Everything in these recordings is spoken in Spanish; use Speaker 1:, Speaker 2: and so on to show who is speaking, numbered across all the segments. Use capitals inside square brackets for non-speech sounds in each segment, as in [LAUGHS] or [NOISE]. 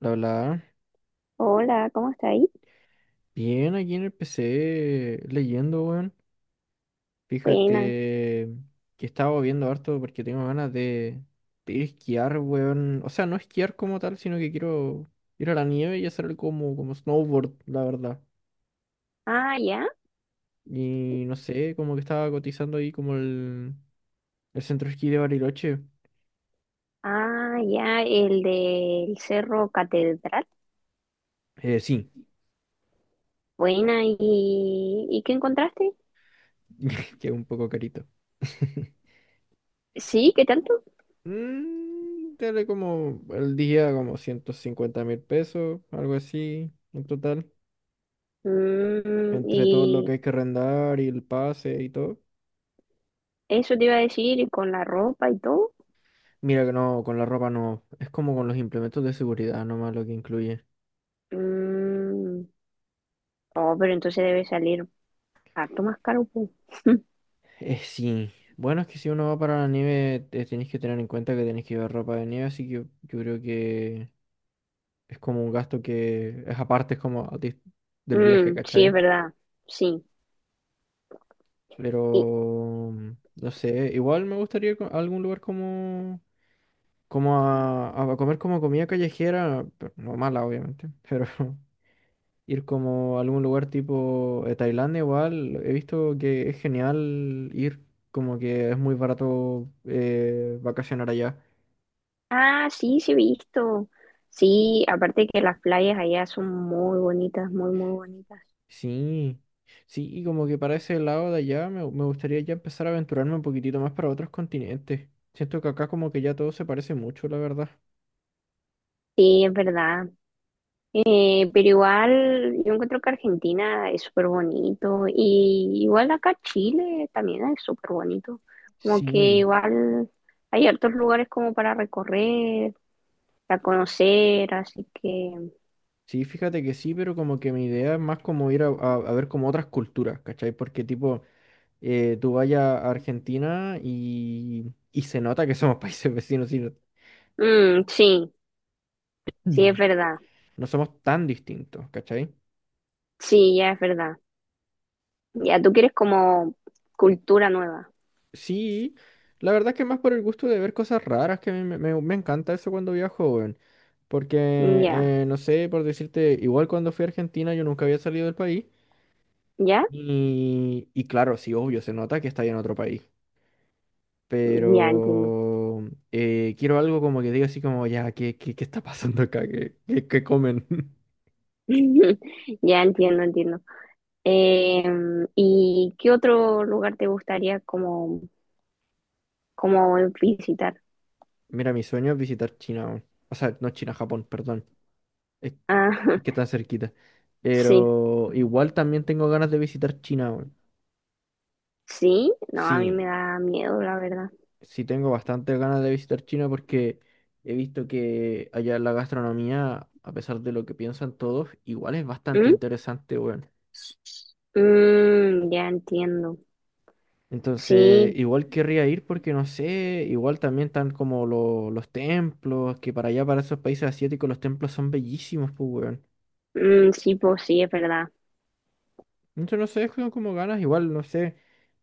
Speaker 1: La verdad,
Speaker 2: Hola, ¿cómo está ahí?
Speaker 1: bien aquí en el PC leyendo, weón.
Speaker 2: Buena.
Speaker 1: Fíjate que estaba viendo harto porque tengo ganas de ir a esquiar, weón. O sea, no esquiar como tal, sino que quiero ir a la nieve y hacer como snowboard, la verdad.
Speaker 2: Ah, ya.
Speaker 1: Y no sé, como que estaba cotizando ahí como el centro de esquí de Bariloche.
Speaker 2: Ah, ya, el del Cerro Catedral.
Speaker 1: Sí,
Speaker 2: Buena. ¿Y, qué encontraste?
Speaker 1: [LAUGHS] que es un poco carito. [LAUGHS]
Speaker 2: Sí, ¿qué tanto?
Speaker 1: Dale como el día como 150.000 pesos, algo así, en total.
Speaker 2: Mm,
Speaker 1: Entre todo lo que
Speaker 2: y
Speaker 1: hay que arrendar y el pase y todo.
Speaker 2: eso te iba a decir, y con la ropa y todo.
Speaker 1: Mira que no, con la ropa no. Es como con los implementos de seguridad nomás lo que incluye.
Speaker 2: Mm, oh, pero entonces debe salir harto más caro, pues.
Speaker 1: Sí. Bueno, es que si uno va para la nieve, tenéis que tener en cuenta que tenéis que llevar ropa de nieve, así que yo creo que es como un gasto que es aparte, es como del viaje,
Speaker 2: Mm, sí, es
Speaker 1: ¿cachai?
Speaker 2: verdad. Sí. Y,
Speaker 1: Pero, no sé, igual me gustaría ir a algún lugar como, como a comer como comida callejera, pero no mala, obviamente, [LAUGHS] pero ir como a algún lugar tipo Tailandia igual, he visto que es genial ir, como que es muy barato vacacionar allá.
Speaker 2: ah, sí, sí he visto. Sí, aparte que las playas allá son muy bonitas, muy, muy bonitas.
Speaker 1: Sí, sí, y como que para ese lado de allá me gustaría ya empezar a aventurarme un poquitito más para otros continentes. Siento que acá como que ya todo se parece mucho, la verdad.
Speaker 2: Sí, es verdad. Pero igual yo encuentro que Argentina es súper bonito y igual acá Chile también es súper bonito. Como que
Speaker 1: Sí,
Speaker 2: igual hay hartos lugares como para recorrer, para conocer, así que
Speaker 1: sí, fíjate que sí, pero como que mi idea es más como ir a ver como otras culturas, ¿cachai? Porque tipo, tú vayas a Argentina y se nota que somos [LAUGHS] países vecinos y no.
Speaker 2: mm, sí, sí es
Speaker 1: Mm.
Speaker 2: verdad,
Speaker 1: No somos tan distintos, ¿cachai?
Speaker 2: sí, ya es verdad. Ya tú quieres como cultura nueva,
Speaker 1: Sí, la verdad es que más por el gusto de ver cosas raras, que a mí me encanta eso cuando viajo, weón. Porque,
Speaker 2: ya,
Speaker 1: no sé, por decirte, igual cuando fui a Argentina yo nunca había salido del país.
Speaker 2: ya,
Speaker 1: Y claro, sí, obvio, se nota que está en otro país.
Speaker 2: ya entiendo.
Speaker 1: Pero quiero algo como que diga así como, ya, ¿qué está pasando acá? ¿Qué comen? [LAUGHS]
Speaker 2: [LAUGHS] Ya entiendo, entiendo. ¿Y qué otro lugar te gustaría como como visitar?
Speaker 1: Mira, mi sueño es visitar China, weón. O sea, no China, Japón, perdón. Es,
Speaker 2: Ah,
Speaker 1: es que está cerquita.
Speaker 2: [LAUGHS] sí,
Speaker 1: Pero igual también tengo ganas de visitar China, weón.
Speaker 2: sí, no, a mí me
Speaker 1: Sí,
Speaker 2: da miedo, la verdad.
Speaker 1: sí tengo bastantes ganas de visitar China porque he visto que allá la gastronomía, a pesar de lo que piensan todos, igual es bastante
Speaker 2: ¿Mm?
Speaker 1: interesante, weón.
Speaker 2: Mm, ya entiendo.
Speaker 1: Entonces,
Speaker 2: Sí,
Speaker 1: igual querría ir porque no sé, igual también están como los templos, que para allá, para esos países asiáticos, los templos son bellísimos, pues, weón.
Speaker 2: mm, sí, pues sí, es verdad.
Speaker 1: Entonces, no sé, tengo como ganas, igual, no sé.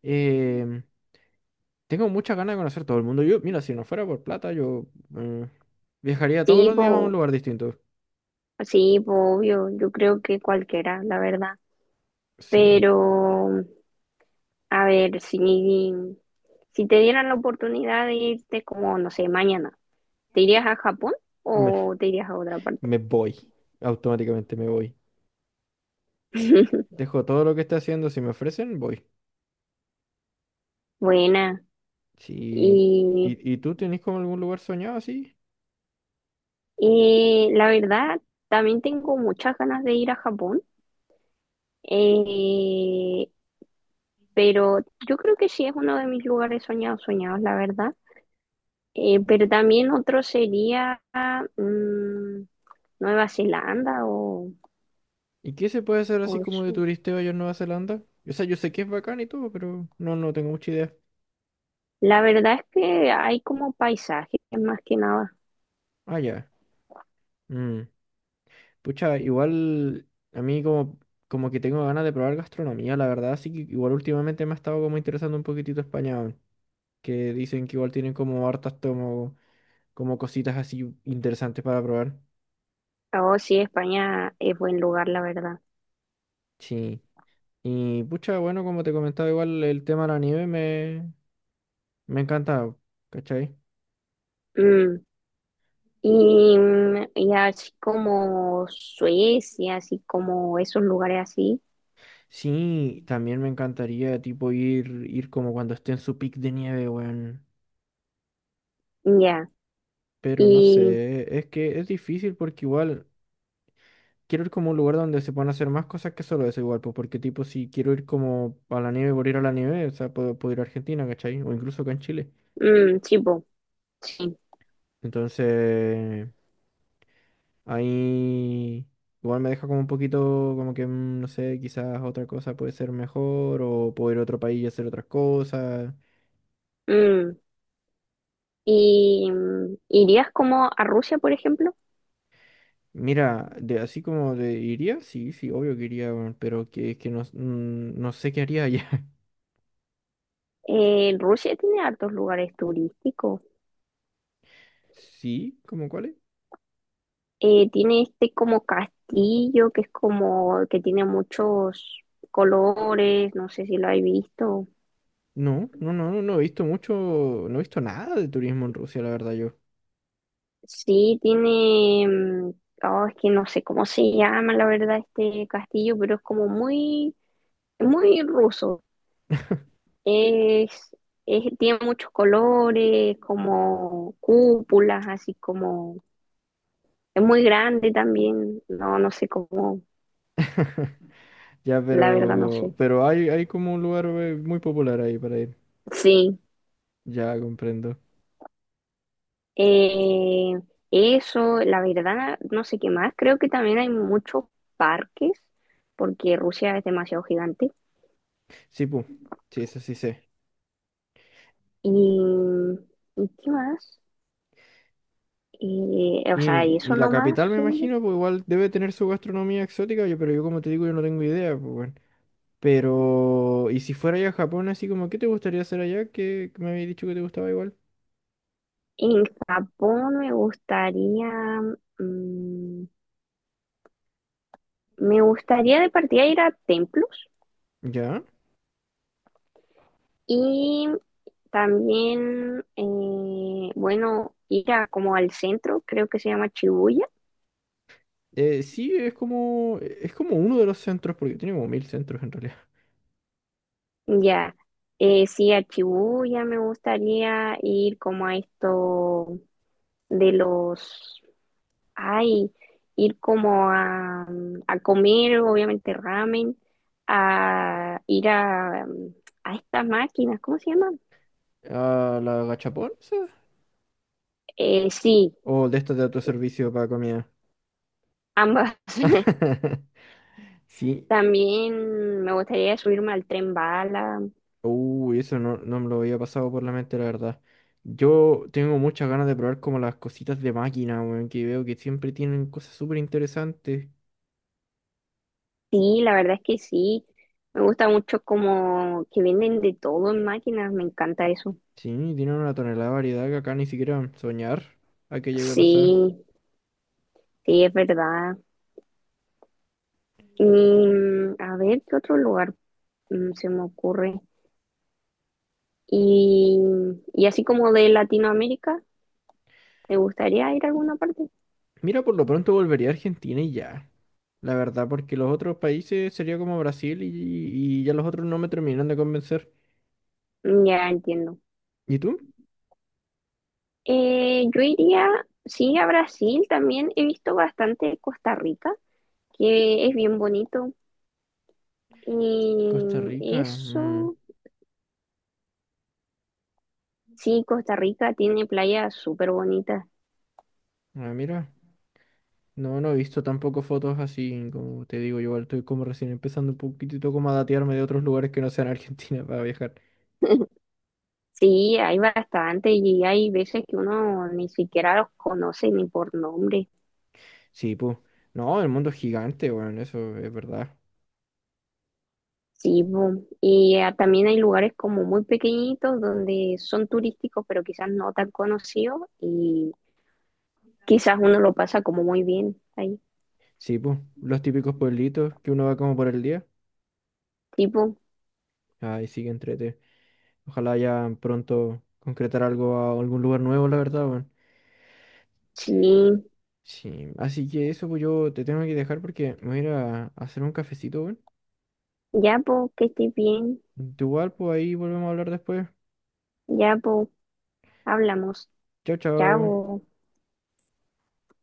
Speaker 1: em, Tengo muchas ganas de conocer todo el mundo. Yo, mira, si no fuera por plata, yo eh, viajaría todos
Speaker 2: Sí,
Speaker 1: los días a un
Speaker 2: po,
Speaker 1: lugar distinto.
Speaker 2: sí, po, obvio, yo creo que cualquiera, la verdad.
Speaker 1: Sí,
Speaker 2: Pero, a ver, si, si te dieran la oportunidad de irte como, no sé, mañana, ¿te irías a Japón
Speaker 1: me,
Speaker 2: o te irías a otra parte?
Speaker 1: me voy. Automáticamente me voy.
Speaker 2: [LAUGHS]
Speaker 1: Dejo todo lo que esté haciendo, si me ofrecen, voy.
Speaker 2: Buena.
Speaker 1: Sí.
Speaker 2: Y
Speaker 1: ¿Y tú tenés como algún lugar soñado así?
Speaker 2: La verdad, también tengo muchas ganas de ir a Japón, eh, pero yo creo que sí es uno de mis lugares soñados, soñados, la verdad. Pero también otro sería mm, Nueva Zelanda
Speaker 1: ¿Y qué se puede hacer así
Speaker 2: o
Speaker 1: como de
Speaker 2: eso.
Speaker 1: turisteo allá en Nueva Zelanda? O sea, yo sé que es bacán y todo, pero no, no tengo mucha idea.
Speaker 2: La verdad es que hay como paisajes más que nada.
Speaker 1: Ah, ya. Mm. Pucha, igual a mí como que tengo ganas de probar gastronomía, la verdad, así que igual últimamente me ha estado como interesando un poquitito España, weón, que dicen que igual tienen como hartas como cositas así interesantes para probar.
Speaker 2: Oh, sí, España es buen lugar, la verdad.
Speaker 1: Sí. Y pucha, bueno, como te comentaba, igual el tema de la nieve me encanta, ¿cachai?
Speaker 2: Mm, y, mm, y así como Suecia, así como esos lugares así.
Speaker 1: Sí, también me encantaría tipo ir como cuando esté en su pic de nieve, weón.
Speaker 2: Ya.
Speaker 1: Pero no
Speaker 2: Y,
Speaker 1: sé, es que es difícil porque igual. Quiero ir como a un lugar donde se puedan hacer más cosas que solo eso igual, pues porque tipo si quiero ir como a la nieve por ir a la nieve, o sea, puedo ir a Argentina, ¿cachai? O incluso acá en Chile.
Speaker 2: mm, sí, po, sí.
Speaker 1: Entonces, ahí igual me deja como un poquito como que, no sé, quizás otra cosa puede ser mejor o puedo ir a otro país y hacer otras cosas.
Speaker 2: Mm. ¿Y mm, irías como a Rusia, por ejemplo?
Speaker 1: Mira, de así como de iría, sí, sí, obvio que iría, weón, pero que es que no, no sé qué haría allá. [LAUGHS]
Speaker 2: Rusia tiene hartos lugares turísticos.
Speaker 1: Sí, ¿cómo cuál?
Speaker 2: Tiene este como castillo que es como que tiene muchos colores, no sé si lo habéis visto.
Speaker 1: No, no, no, no, no he visto mucho, no he visto nada de turismo en Rusia, la verdad yo.
Speaker 2: Sí, tiene, mm, oh, es que no sé cómo se llama la verdad este castillo, pero es como muy, muy ruso. Es, tiene muchos colores, como cúpulas, así como, es muy grande también, no, no sé cómo,
Speaker 1: [LAUGHS] Ya,
Speaker 2: la verdad no
Speaker 1: pero,
Speaker 2: sé.
Speaker 1: pero hay como un lugar muy popular ahí para ir.
Speaker 2: Sí,
Speaker 1: Ya comprendo.
Speaker 2: eh, eso, la verdad no sé qué más, creo que también hay muchos parques, porque Rusia es demasiado gigante.
Speaker 1: Sí, pues, sí, eso sí sé.
Speaker 2: ¿Y, ¿Y qué más? O sea, y
Speaker 1: Y
Speaker 2: eso
Speaker 1: la
Speaker 2: nomás,
Speaker 1: capital, me
Speaker 2: eh.
Speaker 1: imagino, pues igual debe tener su gastronomía exótica, yo, pero yo como te digo, yo no tengo idea, pues bueno. Pero, y si fuera ya a Japón, así como, ¿qué te gustaría hacer allá? Que me habías dicho que te gustaba igual.
Speaker 2: En Japón me gustaría... mm, me gustaría de partida ir a templos
Speaker 1: ¿Ya?
Speaker 2: y también, bueno, ir a, como al centro, creo que se llama Shibuya.
Speaker 1: Sí, es como uno de los centros, porque tiene como mil centros en realidad.
Speaker 2: Ya, sí, a Shibuya me gustaría ir como a esto de los, ay, ir como a comer, obviamente ramen, a ir a estas máquinas, ¿cómo se llaman?
Speaker 1: Ah, ¿la gachapón? ¿Esa?
Speaker 2: Sí,
Speaker 1: ¿O de estas de autoservicio para comida?
Speaker 2: ambas. [LAUGHS]
Speaker 1: [LAUGHS] Sí.
Speaker 2: También me gustaría subirme al tren bala.
Speaker 1: Uy, eso no, no me lo había pasado por la mente, la verdad. Yo tengo muchas ganas de probar como las cositas de máquina, weón, que veo que siempre tienen cosas súper interesantes.
Speaker 2: Sí, la verdad es que sí. Me gusta mucho como que venden de todo en máquinas, me encanta eso.
Speaker 1: Sí, tienen una tonelada de variedad que acá ni siquiera soñar a que llegue a pasar.
Speaker 2: Sí, sí, es verdad. Y mm, a ver, ¿qué otro lugar mm, se me ocurre? Y, y así como de Latinoamérica, ¿te gustaría ir a alguna parte?
Speaker 1: Mira, por lo pronto volvería a Argentina y ya. La verdad, porque los otros países sería como Brasil y ya los otros no me terminan de convencer.
Speaker 2: Mm, ya entiendo.
Speaker 1: ¿Y tú?
Speaker 2: Yo iría, sí, a Brasil también. He visto bastante Costa Rica, que es bien bonito.
Speaker 1: Costa Rica.
Speaker 2: Y
Speaker 1: Mm.
Speaker 2: eso, sí, Costa Rica tiene playas súper bonitas.
Speaker 1: Ah, mira. No, no he visto tampoco fotos así, como te digo, yo igual estoy como recién empezando un poquitito como a datearme de otros lugares que no sean Argentina [LAUGHS] para viajar.
Speaker 2: [LAUGHS] Sí, hay bastante y hay veces que uno ni siquiera los conoce ni por nombre.
Speaker 1: Sí, pues. No, el mundo es gigante, bueno, eso es verdad.
Speaker 2: Sí, bu, y ah, también hay lugares como muy pequeñitos donde son turísticos, pero quizás no tan conocidos y quizás uno lo pasa como muy bien ahí.
Speaker 1: Sí, pues. Los típicos pueblitos que uno va como por el día.
Speaker 2: Tipo,
Speaker 1: Ay, sí, que entrete. Ojalá ya pronto concretar algo a algún lugar nuevo, la verdad, bueno.
Speaker 2: sí, bu. Sí.
Speaker 1: Sí, así que eso, pues yo te tengo que dejar porque me voy a ir a hacer un cafecito, bueno.
Speaker 2: Ya, pues, que estés bien,
Speaker 1: Igual, pues ahí volvemos a hablar después.
Speaker 2: ya, pues, hablamos,
Speaker 1: Chao, chao.
Speaker 2: chao.